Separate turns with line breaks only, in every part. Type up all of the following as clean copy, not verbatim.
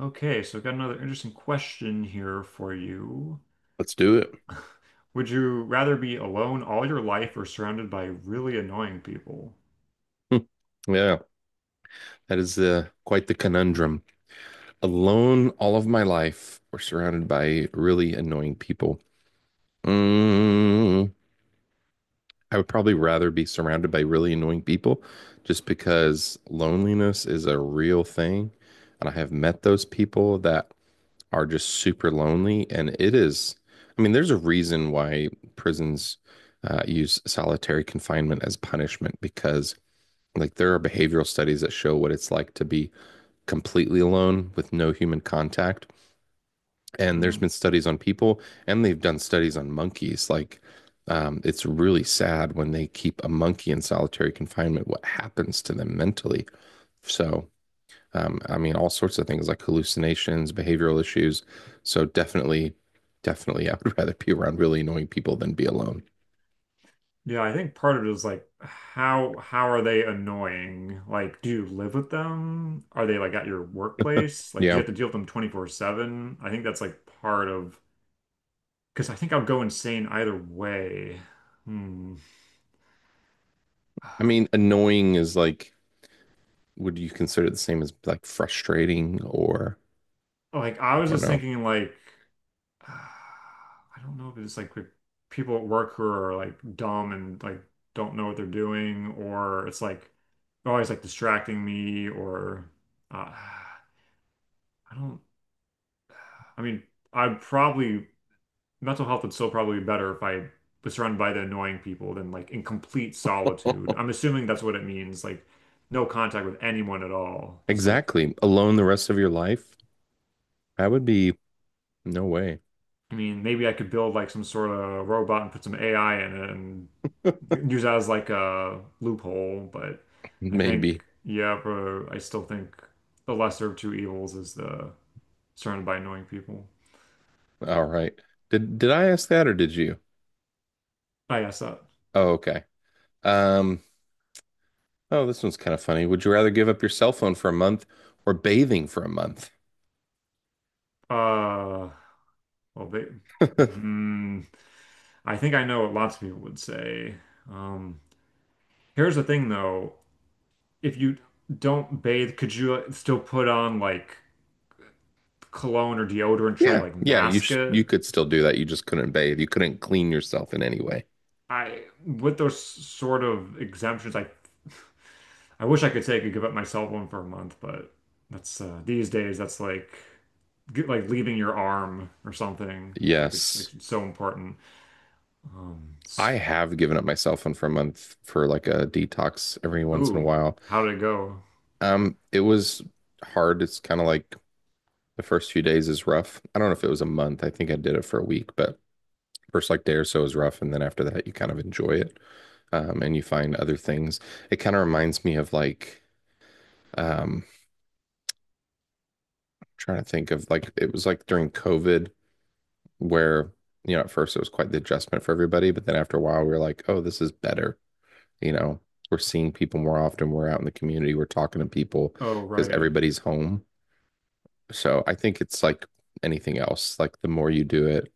Okay, so I've got another interesting question here for you.
Let's do it.
Would you rather be alone all your life or surrounded by really annoying people?
Yeah, that is quite the conundrum. Alone all of my life, or surrounded by really annoying people. Mm, I would probably rather be surrounded by really annoying people just because loneliness is a real thing. And I have met those people that are just super lonely. And it is, I mean, there's a reason why prisons use solitary confinement as punishment because, like, there are behavioral studies that show what it's like to be completely alone with no human contact. And there's
Hmm.
been studies on people, and they've done studies on monkeys. Like, it's really sad when they keep a monkey in solitary confinement, what happens to them mentally. So, I mean, all sorts of things like hallucinations, behavioral issues. So, definitely, definitely, I would rather be around really annoying people than be alone.
Yeah, I think part of it is like how are they annoying? Like, do you live with them? Are they like at your workplace? Like, do you
Yeah.
have to deal with them 24/7? I think that's like part of, because I think I will go insane either way. Hmm.
I mean, annoying is like, would you consider it the same as like frustrating or
Like, I was
or
just
no?
thinking like. Uh, I don't know if it's like with people at work who are like dumb and like don't know what they're doing, or it's like always like distracting me, or uh, I don't. I mean, I'd probably mental health would still probably be better if I was surrounded by the annoying people than like in complete solitude. I'm assuming that's what it means, like no contact with anyone at all, just like
Exactly. Alone the rest of your life? That would be no way.
I mean, maybe I could build like some sort of robot and put some AI in it and use that as like a loophole. But I
Maybe.
think, yeah, bro, I still think the lesser of two evils is the surrounded by annoying people.
All right. Did I ask that or did you?
I guess that.
Oh, okay. Um, oh, this one's kind of funny. Would you rather give up your cell phone for a month or bathing for a month?
Uh, well, hmm, I think I know what lots of people would say. Um, here's the thing though, if you don't bathe, could you still put on like cologne or deodorant, try to
Yeah.
like
Yeah,
mask
you
it?
could still do that. You just couldn't bathe. You couldn't clean yourself in any way.
I, with those sort of exemptions, I I wish I could say I could give up my cell phone for a month, but that's these days that's like get, like leaving your arm or something. Like,
Yes.
it's so important. Um,
I
s-
have given up my cell phone for a month for like a detox every once in a
Ooh,
while.
how did it go?
It was hard. It's kind of like the first few days is rough. I don't know if it was a month. I think I did it for a week, but first like day or so is rough, and then after that you kind of enjoy it, and you find other things. It kind of reminds me of like um, trying to think of like it was like during COVID where you know at first it was quite the adjustment for everybody, but then after a while we were like, oh, this is better, you know, we're seeing people more often, we're out in the community, we're talking to people
Oh,
because
right,
everybody's home. So I think it's like anything else, like the more you do it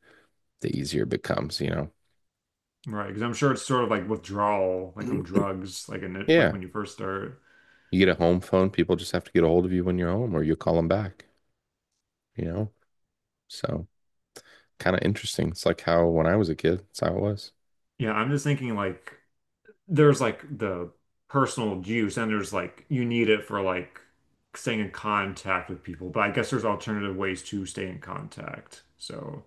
the easier it becomes,
right. Because I'm sure it's sort of like withdrawal, like from
Mhm.
drugs, like in it, like
Yeah,
when you first start.
you get a home phone, people just have to get a hold of you when you're home or you call them back, you know so kind of interesting. It's like how when I was a kid, that's how it was.
Yeah, I'm just thinking like. There's like the personal juice and there's like you need it for like staying in contact with people, but I guess there's alternative ways to stay in contact, so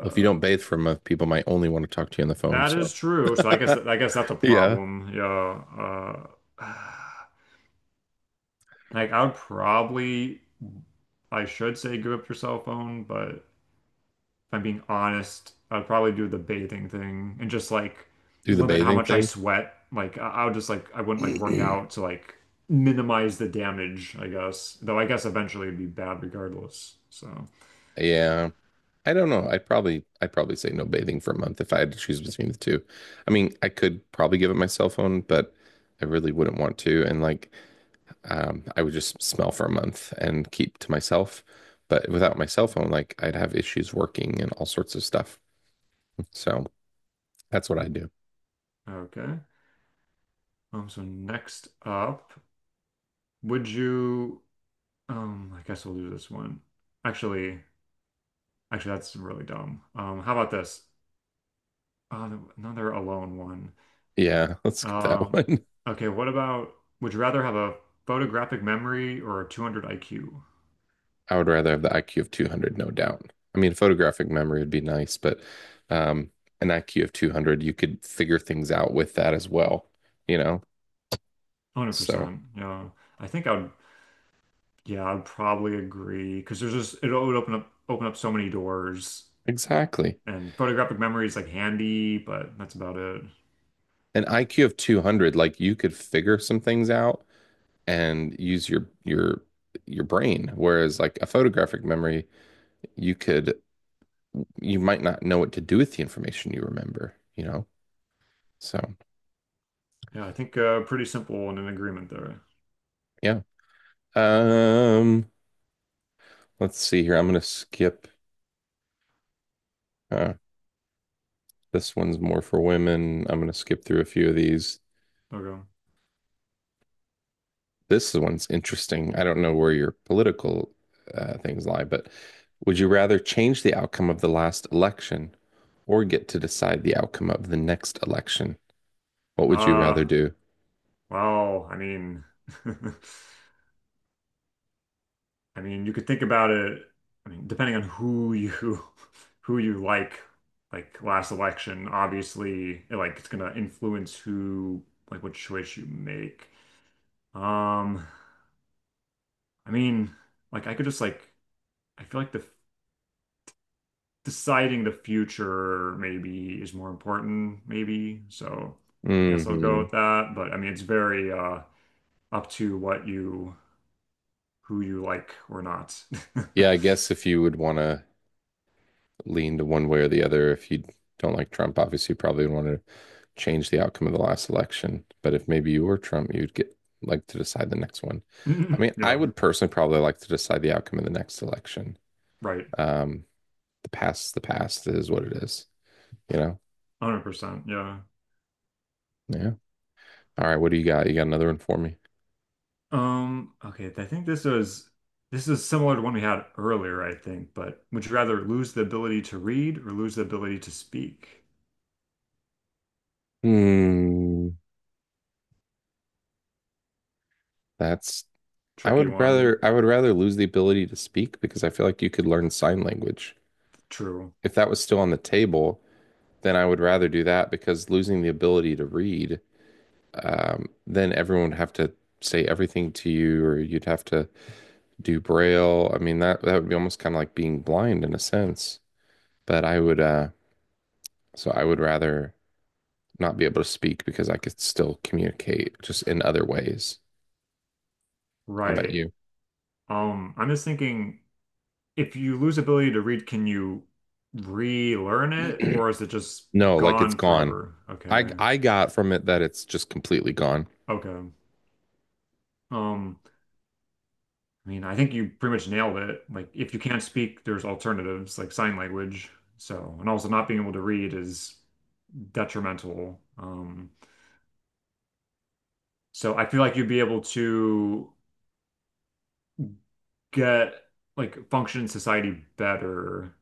Well, if you don't bathe for a month people might only want to talk to you on the phone,
that
so
is true, so I guess that's a
yeah,
problem, yeah, like I would probably I should say give up your cell phone, but if I'm being honest, I'd probably do the bathing thing and just like
do the
limit how
bathing
much I
thing.
sweat. Like I'll just like I wouldn't like work out to like minimize the damage, I guess. Though I guess eventually it'd be bad regardless. So,
Yeah, I don't know. I'd probably say no bathing for a month if I had to choose between the two. I mean, I could probably give up my cell phone, but I really wouldn't want to. And like, I would just smell for a month and keep to myself. But without my cell phone, like I'd have issues working and all sorts of stuff. So that's what I do.
okay. So next up, would you? I guess we'll do this one. Actually, actually, that's really dumb. How about this? Uh, another alone one.
Yeah, let's skip that
Um,
one.
okay, what about would you rather have a photographic memory or a 200 IQ?
I would rather have the IQ of 200, no doubt. I mean, photographic memory would be nice, but um, an IQ of 200, you could figure things out with that as well, you know? So.
100%. Yeah. I think I would, yeah, I'd probably agree because there's just it would open up so many doors,
Exactly.
and photographic memory is like handy, but that's about it.
An IQ of 200, like you could figure some things out and use your your brain. Whereas like a photographic memory, you could you might not know what to do with the information you remember, you know? So,
Yeah, I think pretty simple and an agreement there.
yeah. Um, let's see here. I'm gonna skip uh this one's more for women. I'm gonna skip through a few of these.
Okay.
This one's interesting. I don't know where your political things lie, but would you rather change the outcome of the last election or get to decide the outcome of the next election? What would you rather
Uh
do?
well, I mean, I mean, you could think about it, I mean, depending on who you who you like last election, obviously, it, like it's gonna influence who, like what choice you make. Um, I mean, like I could just like I feel like the deciding the future maybe is more important, maybe. So I guess I'll go
Hmm.
with that. But I mean, it's very up to what you who you like or not.
Yeah, I guess if you would want to lean to one way or the other, if you don't like Trump, obviously you probably would want to change the outcome of the last election. But if maybe you were Trump, you'd get like to decide the next one. I mean, I
Yeah,
would personally probably like to decide the outcome of the next election.
right.
Um, the past is what it is. You know?
100%. Yeah.
Yeah. All right. What do you got? You got another one for me?
Okay, I think this is similar to one we had earlier, I think, but would you rather lose the ability to read or lose the ability to speak?
Hmm. That's
Tricky one.
I would rather lose the ability to speak because I feel like you could learn sign language.
True.
If that was still on the table, then I would rather do that because losing the ability to read, then everyone would have to say everything to you or you'd have to do braille. I mean that would be almost kind of like being blind in a sense. But I would so I would rather not be able to speak because I could still communicate just in other ways. How about
Right.
you?
I'm just thinking, if you lose ability to read, can you relearn it or is it just
No, like it's
gone
gone.
forever?
I
Okay.
I got from it that it's just completely gone.
Okay. Um, I mean, I think you pretty much nailed it. Like, if you can't speak, there's alternatives like sign language. So, and also not being able to read is detrimental. So I feel like you'd be able to get like function in society better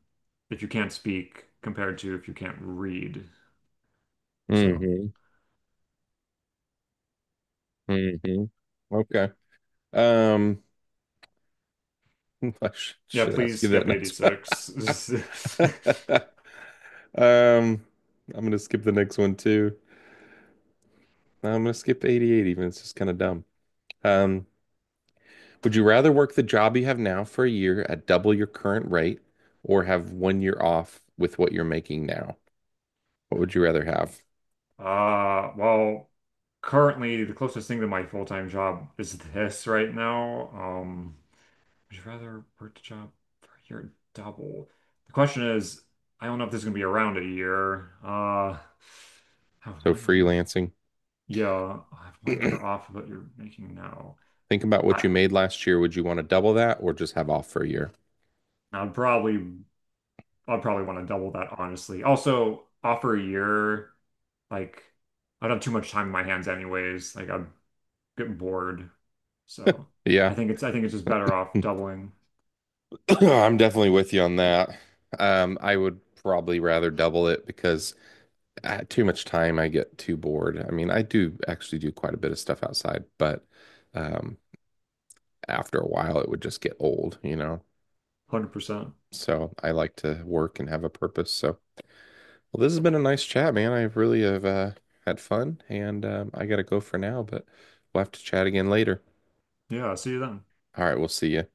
if you can't speak compared to if you can't read. So,
Hmm. Hmm. Okay. Um, I sh
yeah,
should ask
please
you that
skip
next one.
86.
Um, I'm gonna skip the next one too. I'm gonna skip 88 even. It's just kind of dumb. Um, Would you rather work the job you have now for a year at double your current rate or have one year off with what you're making now? What would you rather have?
Well, currently the closest thing to my full-time job is this right now. Would you rather work a job for a year double? The question is, I don't know if this is gonna be around a year. Have
So
one year.
freelancing.
Yeah, I have one year off of what you're making now.
Think about what
I
you made last year. Would you want to double that or just have off for a year?
I'd probably I'd probably want to double that, honestly. Also, offer a year, like I don't have too much time in my hands anyways. Like I'd get bored. So
Yeah.
I think it's just better off doubling
I'm definitely with you on that. I would probably rather double it because too much time I get too bored. I mean, I do actually do quite a bit of stuff outside, but um, after a while it would just get old, you know?
100%.
So I like to work and have a purpose. So, well, this has been a nice chat, man. I really have had fun, and I gotta go for now, but we'll have to chat again later.
Yeah, see you then.
All right, we'll see you.